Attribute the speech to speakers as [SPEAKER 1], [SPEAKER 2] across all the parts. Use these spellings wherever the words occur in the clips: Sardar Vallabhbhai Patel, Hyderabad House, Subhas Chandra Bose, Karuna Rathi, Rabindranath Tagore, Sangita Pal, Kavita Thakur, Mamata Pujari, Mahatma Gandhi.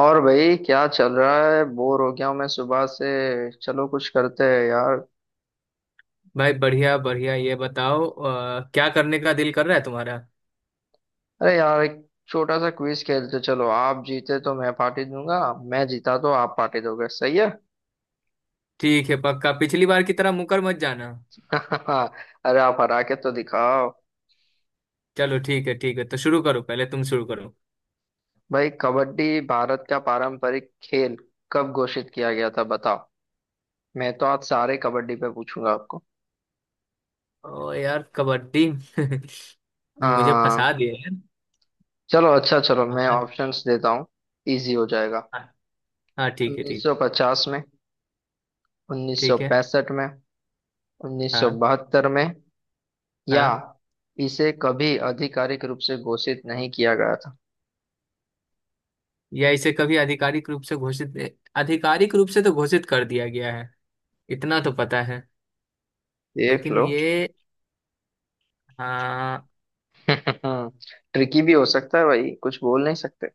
[SPEAKER 1] और भाई क्या चल रहा है? बोर हो गया हूँ मैं सुबह से। चलो कुछ करते हैं यार।
[SPEAKER 2] भाई बढ़िया बढ़िया ये बताओ क्या करने का दिल कर रहा है तुम्हारा।
[SPEAKER 1] अरे यार एक छोटा सा क्विज खेलते। चलो आप जीते तो मैं पार्टी दूंगा, मैं जीता तो आप पार्टी दोगे, सही है।
[SPEAKER 2] ठीक है, पक्का पिछली बार की तरह मुकर मत जाना।
[SPEAKER 1] अरे आप हरा के तो दिखाओ।
[SPEAKER 2] चलो ठीक है तो शुरू करो, पहले तुम शुरू करो।
[SPEAKER 1] भाई कबड्डी भारत का पारंपरिक खेल कब घोषित किया गया था बताओ। मैं तो आज सारे कबड्डी पे पूछूंगा आपको।
[SPEAKER 2] ओ यार कबड्डी मुझे
[SPEAKER 1] आ,
[SPEAKER 2] फंसा दिए यार।
[SPEAKER 1] चलो अच्छा, चलो मैं
[SPEAKER 2] हाँ
[SPEAKER 1] ऑप्शंस देता हूँ, इजी हो जाएगा।
[SPEAKER 2] हाँ हाँ, ठीक है ठीक
[SPEAKER 1] 1950 में,
[SPEAKER 2] ठीक है।
[SPEAKER 1] 1965 में,
[SPEAKER 2] हाँ।
[SPEAKER 1] 1972 में, या
[SPEAKER 2] हाँ।
[SPEAKER 1] इसे कभी आधिकारिक रूप से घोषित नहीं किया गया था।
[SPEAKER 2] या इसे कभी आधिकारिक रूप से घोषित आधिकारिक रूप से तो घोषित कर दिया गया है, इतना तो पता है,
[SPEAKER 1] देख
[SPEAKER 2] लेकिन
[SPEAKER 1] लो।
[SPEAKER 2] ये। हाँ।
[SPEAKER 1] ट्रिकी भी हो सकता है भाई, कुछ बोल नहीं सकते।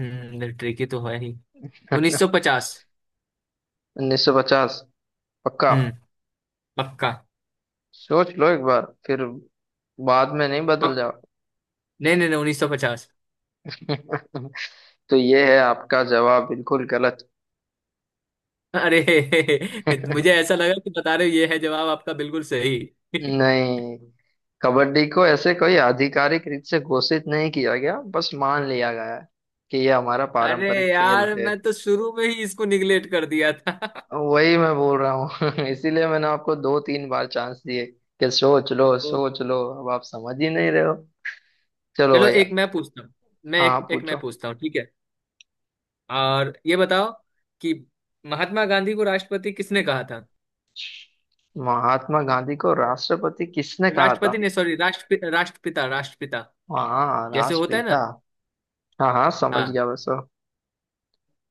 [SPEAKER 2] ट्रिकी तो है ही। 1950।
[SPEAKER 1] 1950? पक्का?
[SPEAKER 2] हम्म। पक्का।
[SPEAKER 1] सोच लो एक बार फिर, बाद में नहीं बदल जाओ।
[SPEAKER 2] नहीं नहीं नहीं, उन्नीस सौ पचास।
[SPEAKER 1] तो ये है आपका जवाब बिल्कुल गलत।
[SPEAKER 2] अरे। मुझे ऐसा लगा कि बता रहे हो ये है जवाब आपका बिल्कुल सही।
[SPEAKER 1] नहीं, कबड्डी को ऐसे कोई आधिकारिक रूप से घोषित नहीं किया गया, बस मान लिया गया है कि ये हमारा
[SPEAKER 2] अरे
[SPEAKER 1] पारंपरिक खेल
[SPEAKER 2] यार
[SPEAKER 1] है।
[SPEAKER 2] मैं तो शुरू में ही इसको निगलेक्ट कर दिया था।
[SPEAKER 1] वही मैं बोल रहा हूँ। इसीलिए मैंने आपको दो तीन बार चांस दिए कि सोच लो
[SPEAKER 2] ओ,
[SPEAKER 1] सोच लो, अब आप समझ ही नहीं रहे हो। चलो
[SPEAKER 2] चलो
[SPEAKER 1] भैया।
[SPEAKER 2] एक मैं पूछता हूँ। मैं
[SPEAKER 1] हाँ,
[SPEAKER 2] एक
[SPEAKER 1] आप
[SPEAKER 2] एक
[SPEAKER 1] पूछो।
[SPEAKER 2] मैं पूछता हूँ ठीक है। और ये बताओ कि महात्मा गांधी को राष्ट्रपति किसने कहा था।
[SPEAKER 1] महात्मा गांधी को राष्ट्रपति किसने कहा
[SPEAKER 2] राष्ट्रपति
[SPEAKER 1] था?
[SPEAKER 2] ने सॉरी राष्ट्रपिता राष्ट्रपिता,
[SPEAKER 1] हाँ,
[SPEAKER 2] जैसे होता है ना।
[SPEAKER 1] राष्ट्रपिता। हाँ हाँ, समझ
[SPEAKER 2] हाँ
[SPEAKER 1] गया, बस।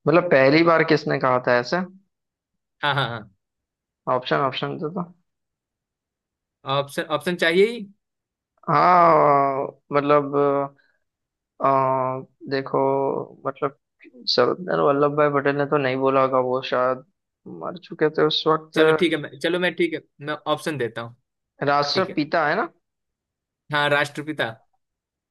[SPEAKER 1] मतलब पहली बार किसने कहा था ऐसे।
[SPEAKER 2] हाँ हाँ। हाँ,
[SPEAKER 1] ऑप्शन ऑप्शन तो था।
[SPEAKER 2] ऑप्शन ऑप्शन चाहिए ही।
[SPEAKER 1] हाँ मतलब, अ, देखो, मतलब सरदार वल्लभ भाई पटेल ने तो नहीं बोला होगा, वो शायद मर चुके थे उस वक्त।
[SPEAKER 2] चलो ठीक है, मैं ठीक है मैं ऑप्शन देता हूँ। ठीक है।
[SPEAKER 1] राष्ट्रपिता है ना।
[SPEAKER 2] हाँ, राष्ट्रपिता।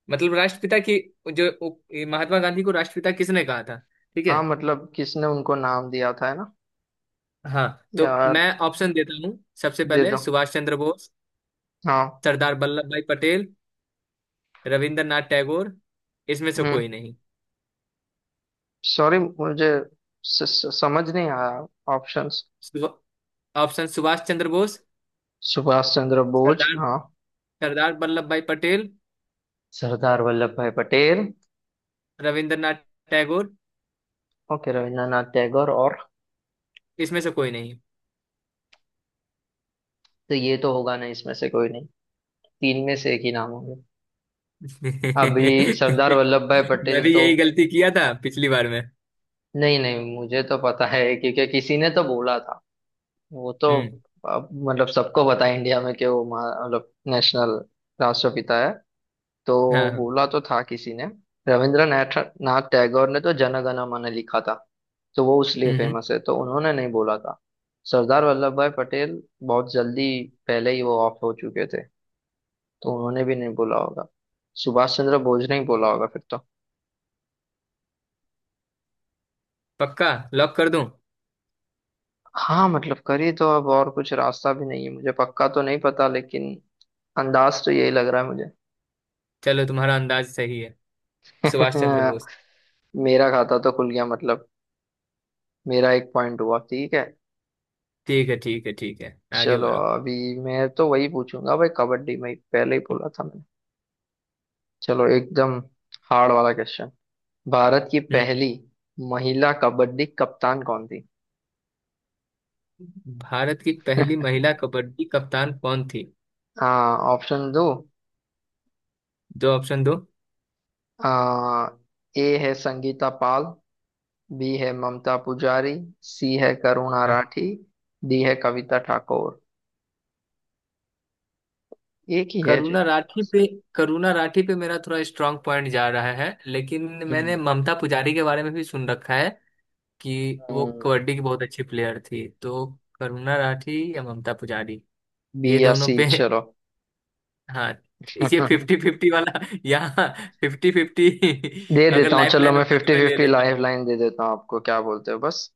[SPEAKER 2] मतलब राष्ट्रपिता की, ये महात्मा गांधी को राष्ट्रपिता किसने कहा था। ठीक है।
[SPEAKER 1] हाँ, मतलब किसने उनको नाम दिया था, है ना।
[SPEAKER 2] हाँ। तो
[SPEAKER 1] यार
[SPEAKER 2] मैं ऑप्शन देता हूँ, सबसे
[SPEAKER 1] दे
[SPEAKER 2] पहले
[SPEAKER 1] दो।
[SPEAKER 2] सुभाष चंद्र बोस,
[SPEAKER 1] हाँ।
[SPEAKER 2] सरदार वल्लभ भाई पटेल, रविंद्रनाथ टैगोर, इसमें से
[SPEAKER 1] हम्म,
[SPEAKER 2] कोई नहीं।
[SPEAKER 1] सॉरी मुझे स, स, समझ नहीं आया ऑप्शंस।
[SPEAKER 2] सुभ- ऑप्शन सुभाष चंद्र बोस,
[SPEAKER 1] सुभाष चंद्र बोस,
[SPEAKER 2] सरदार
[SPEAKER 1] हाँ।
[SPEAKER 2] Sardar Vallabhbhai Patel,
[SPEAKER 1] Sardar Vallabhbhai Patel.
[SPEAKER 2] Rabindranath Tagore,
[SPEAKER 1] okay, Rabindranath Tagore, और?
[SPEAKER 2] इसमें से कोई नहीं।
[SPEAKER 1] तो ये तो होगा ना, इसमें से कोई नहीं। तीन में से एक ही नाम होंगे। अभी सरदार वल्लभ भाई
[SPEAKER 2] मैं
[SPEAKER 1] पटेल
[SPEAKER 2] भी
[SPEAKER 1] तो,
[SPEAKER 2] यही गलती किया था पिछली बार में।
[SPEAKER 1] नहीं नहीं, मुझे तो पता है, क्योंकि किसी ने तो बोला था वो तो।
[SPEAKER 2] हम्म।
[SPEAKER 1] अब मतलब सबको पता है इंडिया में कि वो मतलब नेशनल राष्ट्रपिता है तो।
[SPEAKER 2] हाँ हाँ।
[SPEAKER 1] बोला तो था किसी ने। रविंद्रनाथ नाथ टैगोर ने तो जनगण मन लिखा था, तो वो उसलिए
[SPEAKER 2] हम्म।
[SPEAKER 1] फेमस है, तो उन्होंने नहीं बोला था। सरदार वल्लभ भाई पटेल बहुत जल्दी, पहले ही वो ऑफ हो चुके थे, तो उन्होंने भी नहीं बोला होगा। सुभाष चंद्र बोस ने ही बोला होगा फिर तो।
[SPEAKER 2] पक्का लॉक कर दूं।
[SPEAKER 1] हाँ मतलब करिए, तो अब और कुछ रास्ता भी नहीं है, मुझे पक्का तो नहीं पता लेकिन अंदाज तो यही लग रहा है।
[SPEAKER 2] चलो तुम्हारा अंदाज सही है,
[SPEAKER 1] मुझे।
[SPEAKER 2] सुभाष चंद्र बोस।
[SPEAKER 1] मेरा खाता तो खुल गया मतलब, मेरा एक पॉइंट हुआ, ठीक है।
[SPEAKER 2] ठीक है ठीक है ठीक है, आगे
[SPEAKER 1] चलो
[SPEAKER 2] बढ़ो।
[SPEAKER 1] अभी, मैं तो वही पूछूंगा भाई कबड्डी में, पहले ही बोला था मैंने। चलो एकदम हार्ड वाला क्वेश्चन। भारत की
[SPEAKER 2] हम्म।
[SPEAKER 1] पहली महिला कबड्डी कप्तान कौन थी?
[SPEAKER 2] भारत की पहली महिला कबड्डी कप्तान कौन थी?
[SPEAKER 1] हाँ, ऑप्शन दो।
[SPEAKER 2] दो ऑप्शन दो।
[SPEAKER 1] आ, ए है संगीता पाल, बी है ममता पुजारी, सी है करुणा
[SPEAKER 2] हाँ।
[SPEAKER 1] राठी, डी है कविता ठाकुर। एक ही है जो
[SPEAKER 2] करुणा राठी
[SPEAKER 1] फेमस है।
[SPEAKER 2] पे, करुणा राठी पे मेरा थोड़ा स्ट्रांग पॉइंट जा रहा है, लेकिन मैंने ममता पुजारी के बारे में भी सुन रखा है कि वो
[SPEAKER 1] हम्म,
[SPEAKER 2] कबड्डी की बहुत अच्छी प्लेयर थी, तो करुणा राठी या ममता पुजारी,
[SPEAKER 1] बी
[SPEAKER 2] ये
[SPEAKER 1] या सी,
[SPEAKER 2] दोनों पे।
[SPEAKER 1] चलो।
[SPEAKER 2] हाँ, ये फिफ्टी फिफ्टी वाला यहाँ फिफ्टी फिफ्टी।
[SPEAKER 1] दे
[SPEAKER 2] अगर
[SPEAKER 1] देता हूँ,
[SPEAKER 2] लाइफ
[SPEAKER 1] चलो
[SPEAKER 2] लाइन
[SPEAKER 1] मैं
[SPEAKER 2] होता तो
[SPEAKER 1] फिफ्टी
[SPEAKER 2] मैं ले
[SPEAKER 1] फिफ्टी
[SPEAKER 2] लेता।
[SPEAKER 1] लाइफ लाइन दे देता हूँ आपको, क्या बोलते हो? बस,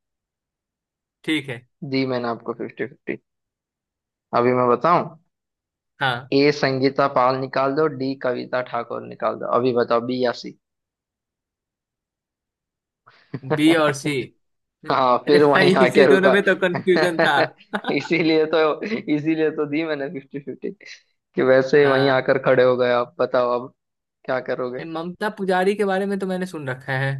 [SPEAKER 2] ठीक है।
[SPEAKER 1] दी मैंने आपको फिफ्टी फिफ्टी। अभी मैं बताऊं,
[SPEAKER 2] हाँ,
[SPEAKER 1] ए संगीता पाल निकाल दो, डी कविता ठाकुर निकाल दो, अभी बताओ बी या सी।
[SPEAKER 2] बी और सी।
[SPEAKER 1] हाँ,
[SPEAKER 2] अरे
[SPEAKER 1] फिर वहीं
[SPEAKER 2] भाई इसी
[SPEAKER 1] आके
[SPEAKER 2] दोनों
[SPEAKER 1] रुका।
[SPEAKER 2] में तो कंफ्यूजन था।
[SPEAKER 1] इसीलिए तो दी मैंने फिफ्टी फिफ्टी, कि वैसे ही वहीं
[SPEAKER 2] अ,
[SPEAKER 1] आकर खड़े हो गए आप। बताओ अब, क्या करोगे?
[SPEAKER 2] ममता पुजारी के बारे में तो मैंने सुन रखा है।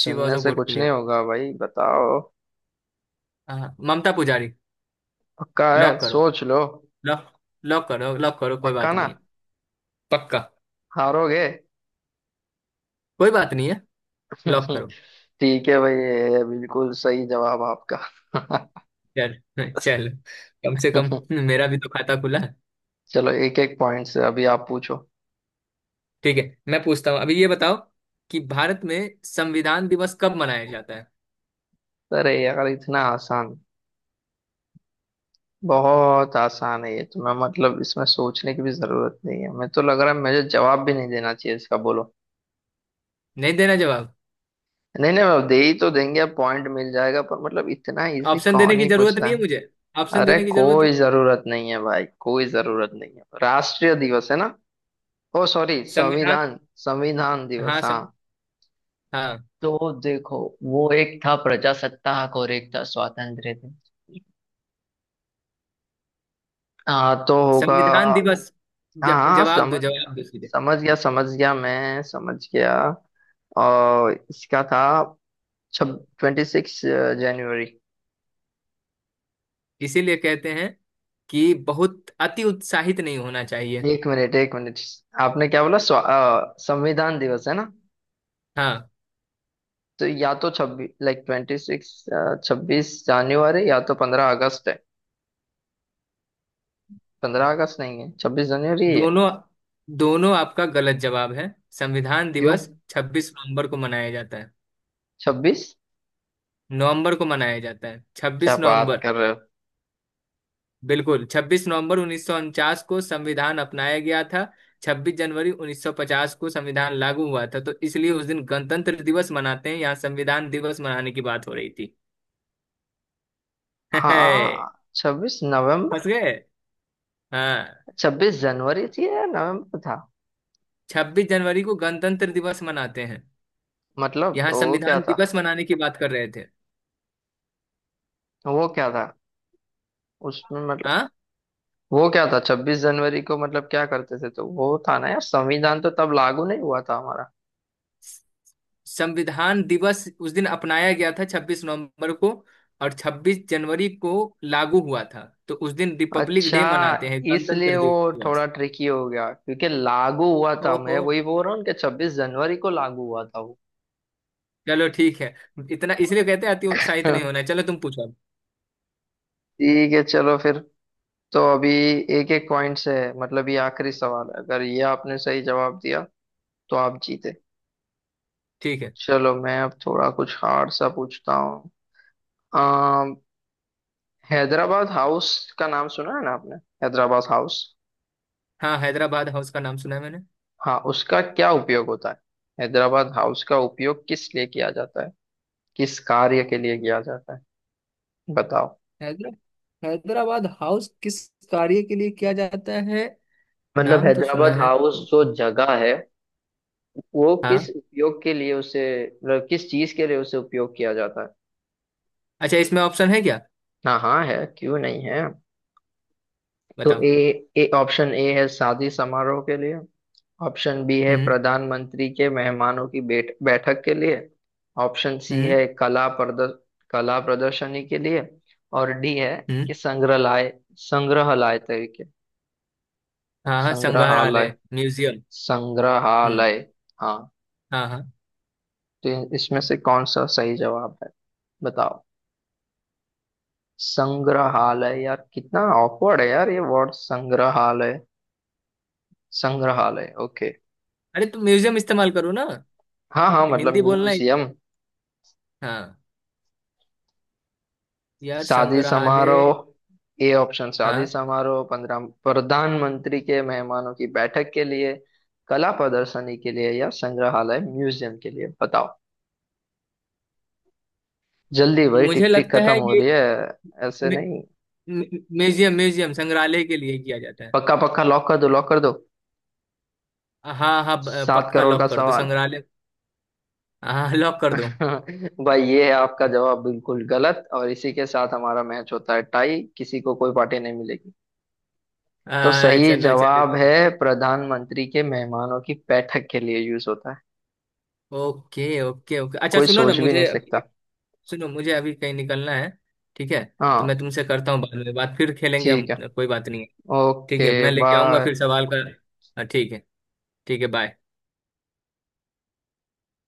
[SPEAKER 2] शी वॉज अ
[SPEAKER 1] से
[SPEAKER 2] गुड
[SPEAKER 1] कुछ नहीं
[SPEAKER 2] प्लेयर,
[SPEAKER 1] होगा भाई, बताओ।
[SPEAKER 2] ममता पुजारी।
[SPEAKER 1] पक्का है?
[SPEAKER 2] लॉक करो,
[SPEAKER 1] सोच लो।
[SPEAKER 2] लॉक, लॉक करो कोई
[SPEAKER 1] पक्का
[SPEAKER 2] बात
[SPEAKER 1] ना?
[SPEAKER 2] नहीं है। पक्का।
[SPEAKER 1] हारोगे।
[SPEAKER 2] कोई बात नहीं है। लॉक करो।
[SPEAKER 1] ठीक है भाई, ये है बिल्कुल सही जवाब आपका।
[SPEAKER 2] चल, चल, कम से कम मेरा भी तो खाता खुला है।
[SPEAKER 1] चलो एक एक पॉइंट से, अभी आप पूछो।
[SPEAKER 2] ठीक है मैं पूछता हूँ, अभी ये बताओ कि भारत में संविधान दिवस कब मनाया जाता है।
[SPEAKER 1] अरे यार इतना आसान! बहुत आसान है ये तो, मैं मतलब इसमें सोचने की भी जरूरत नहीं है, मैं तो, लग रहा है मुझे जवाब भी नहीं देना चाहिए इसका, बोलो।
[SPEAKER 2] नहीं देना जवाब।
[SPEAKER 1] नहीं नहीं, मैं दे ही तो देंगे, अब पॉइंट मिल जाएगा, पर मतलब इतना इजी
[SPEAKER 2] ऑप्शन देने
[SPEAKER 1] कौन
[SPEAKER 2] की
[SPEAKER 1] ही पूछ
[SPEAKER 2] जरूरत
[SPEAKER 1] रहा
[SPEAKER 2] नहीं है
[SPEAKER 1] है।
[SPEAKER 2] मुझे ऑप्शन
[SPEAKER 1] अरे
[SPEAKER 2] देने की जरूरत नहीं।
[SPEAKER 1] कोई जरूरत नहीं है भाई, कोई जरूरत नहीं है। राष्ट्रीय दिवस है ना, ओ सॉरी
[SPEAKER 2] संविधान।
[SPEAKER 1] संविधान, संविधान दिवस,
[SPEAKER 2] हाँ सं,
[SPEAKER 1] हाँ।
[SPEAKER 2] हाँ।
[SPEAKER 1] तो देखो, वो एक था प्रजासत्ताक और एक था स्वातंत्र्य थे, हाँ तो होगा।
[SPEAKER 2] संविधान दिवस,
[SPEAKER 1] हाँ हाँ समझ गया
[SPEAKER 2] जवाब दो सीधे।
[SPEAKER 1] समझ गया समझ गया मैं समझ गया। और इसका था छब 26 जनवरी।
[SPEAKER 2] इसीलिए कहते हैं कि बहुत अति उत्साहित नहीं होना चाहिए।
[SPEAKER 1] एक मिनट एक मिनट, आपने क्या बोला? संविधान दिवस है ना?
[SPEAKER 2] हाँ।
[SPEAKER 1] तो या तो 26 लाइक 26, 26 जनवरी, या तो 15 अगस्त है। 15 अगस्त नहीं है, 26 जनवरी ही है।
[SPEAKER 2] दोनों, दोनों आपका गलत जवाब है। संविधान
[SPEAKER 1] क्यों?
[SPEAKER 2] दिवस 26 नवंबर को मनाया जाता है।
[SPEAKER 1] 26?
[SPEAKER 2] नवंबर को मनाया जाता है,
[SPEAKER 1] क्या
[SPEAKER 2] 26
[SPEAKER 1] बात
[SPEAKER 2] नवंबर।
[SPEAKER 1] कर रहे हो!
[SPEAKER 2] बिल्कुल, 26 नवंबर 1949 को संविधान अपनाया गया था। 26 जनवरी 1950 को संविधान लागू हुआ था, तो इसलिए उस दिन गणतंत्र दिवस मनाते हैं, यहाँ संविधान दिवस मनाने की बात हो रही थी।
[SPEAKER 1] हाँ
[SPEAKER 2] फंस
[SPEAKER 1] 26 नवंबर।
[SPEAKER 2] गए। हाँ।
[SPEAKER 1] 26 जनवरी थी या नवंबर था?
[SPEAKER 2] 26 जनवरी को गणतंत्र दिवस मनाते हैं,
[SPEAKER 1] मतलब
[SPEAKER 2] यहाँ
[SPEAKER 1] वो क्या
[SPEAKER 2] संविधान
[SPEAKER 1] था,
[SPEAKER 2] दिवस मनाने की बात कर रहे थे।
[SPEAKER 1] वो क्या था उसमें मतलब,
[SPEAKER 2] हाँ।
[SPEAKER 1] वो क्या था 26 जनवरी को मतलब क्या करते थे? तो वो था ना यार, संविधान तो तब लागू नहीं हुआ था हमारा।
[SPEAKER 2] संविधान दिवस उस दिन अपनाया गया था, 26 नवंबर को, और 26 जनवरी को लागू हुआ था, तो उस दिन रिपब्लिक
[SPEAKER 1] अच्छा,
[SPEAKER 2] डे मनाते हैं,
[SPEAKER 1] इसलिए
[SPEAKER 2] गणतंत्र
[SPEAKER 1] वो
[SPEAKER 2] दिवस।
[SPEAKER 1] थोड़ा ट्रिकी हो गया, क्योंकि लागू हुआ था,
[SPEAKER 2] ओहो।
[SPEAKER 1] मैं वही बोल रहा हूँ कि 26 जनवरी को लागू हुआ था वो।
[SPEAKER 2] चलो ठीक है, इतना इसलिए कहते हैं अति उत्साहित नहीं होना है। चलो तुम पूछो अब।
[SPEAKER 1] ठीक है चलो फिर। तो अभी एक एक पॉइंट से है, मतलब ये आखिरी सवाल है, अगर ये आपने सही जवाब दिया तो आप जीते।
[SPEAKER 2] ठीक है।
[SPEAKER 1] चलो मैं अब थोड़ा कुछ हार्ड सा पूछता हूँ। अम, हैदराबाद हाउस का नाम सुना है ना आपने? हैदराबाद हाउस।
[SPEAKER 2] हाँ, हैदराबाद हाउस का नाम सुना है मैंने।
[SPEAKER 1] हाँ, उसका क्या उपयोग होता है? हैदराबाद हाउस का उपयोग किस लिए किया जाता है, किस कार्य के लिए किया जाता है, बताओ।
[SPEAKER 2] हैदरा हैदराबाद हाउस किस कार्य के लिए किया जाता है?
[SPEAKER 1] मतलब
[SPEAKER 2] नाम तो सुना
[SPEAKER 1] हैदराबाद
[SPEAKER 2] है।
[SPEAKER 1] हाउस जो जगह है, वो किस
[SPEAKER 2] हाँ,
[SPEAKER 1] उपयोग के लिए उसे मतलब किस चीज के लिए उसे उपयोग किया जाता है।
[SPEAKER 2] अच्छा इसमें ऑप्शन है क्या?
[SPEAKER 1] हाँ हाँ है, क्यों नहीं है। तो
[SPEAKER 2] बताओ।
[SPEAKER 1] ए, ए ऑप्शन ए है शादी समारोह के लिए, ऑप्शन बी है
[SPEAKER 2] हम्म।
[SPEAKER 1] प्रधानमंत्री के मेहमानों की बैठक के लिए, ऑप्शन सी
[SPEAKER 2] हम्म।
[SPEAKER 1] है कला प्रदर्शनी के लिए, और डी है
[SPEAKER 2] हम्म।
[SPEAKER 1] कि संग्रहालय, संग्रहालय तरीके,
[SPEAKER 2] हाँ हाँ,
[SPEAKER 1] संग्रहालय,
[SPEAKER 2] संग्रहालय म्यूजियम। हम्म।
[SPEAKER 1] संग्रहालय, हाँ।
[SPEAKER 2] हाँ हाँ।
[SPEAKER 1] तो इसमें से कौन सा सही जवाब है, बताओ। संग्रहालय यार, कितना ऑकवर्ड है यार ये वर्ड, संग्रहालय, संग्रहालय, ओके।
[SPEAKER 2] अरे तुम म्यूजियम इस्तेमाल करो ना,
[SPEAKER 1] हाँ हाँ मतलब
[SPEAKER 2] हिंदी बोलना है।
[SPEAKER 1] म्यूजियम।
[SPEAKER 2] हाँ। यार
[SPEAKER 1] शादी
[SPEAKER 2] संग्रहालय।
[SPEAKER 1] समारोह, ए ऑप्शन शादी
[SPEAKER 2] हाँ,
[SPEAKER 1] समारोह, 15, प्रधानमंत्री के मेहमानों की बैठक के लिए, कला प्रदर्शनी के लिए, या संग्रहालय म्यूजियम के लिए, बताओ जल्दी भाई,
[SPEAKER 2] मुझे
[SPEAKER 1] टिक टिक
[SPEAKER 2] लगता
[SPEAKER 1] खत्म
[SPEAKER 2] है
[SPEAKER 1] हो
[SPEAKER 2] ये
[SPEAKER 1] रही है। ऐसे नहीं।
[SPEAKER 2] म्यूजियम, म्यूजियम संग्रहालय के लिए किया जाता है।
[SPEAKER 1] पक्का? पक्का लॉक कर दो, लॉक कर दो।
[SPEAKER 2] हाँ हाँ,
[SPEAKER 1] सात
[SPEAKER 2] पक्का
[SPEAKER 1] करोड़ का
[SPEAKER 2] लॉक कर दो,
[SPEAKER 1] सवाल।
[SPEAKER 2] संग्रहालय। हाँ, लॉक कर दो।
[SPEAKER 1] भाई ये है आपका जवाब बिल्कुल गलत, और इसी के साथ हमारा मैच होता है टाई, किसी को कोई पार्टी नहीं मिलेगी। तो सही
[SPEAKER 2] चलो चलो
[SPEAKER 1] जवाब
[SPEAKER 2] चलो।
[SPEAKER 1] है, प्रधानमंत्री के मेहमानों की बैठक के लिए यूज होता है।
[SPEAKER 2] ओके ओके ओके, अच्छा
[SPEAKER 1] कोई
[SPEAKER 2] सुनो ना,
[SPEAKER 1] सोच भी नहीं
[SPEAKER 2] मुझे अभी,
[SPEAKER 1] सकता।
[SPEAKER 2] सुनो मुझे अभी कहीं निकलना है ठीक है, तो
[SPEAKER 1] हाँ,
[SPEAKER 2] मैं तुमसे करता हूँ बाद में बात, फिर खेलेंगे हम,
[SPEAKER 1] ठीक है।
[SPEAKER 2] कोई बात नहीं है। ठीक है,
[SPEAKER 1] ओके
[SPEAKER 2] मैं लेके आऊंगा
[SPEAKER 1] बाय।
[SPEAKER 2] फिर सवाल का। हाँ, ठीक है। ठीक है, बाय।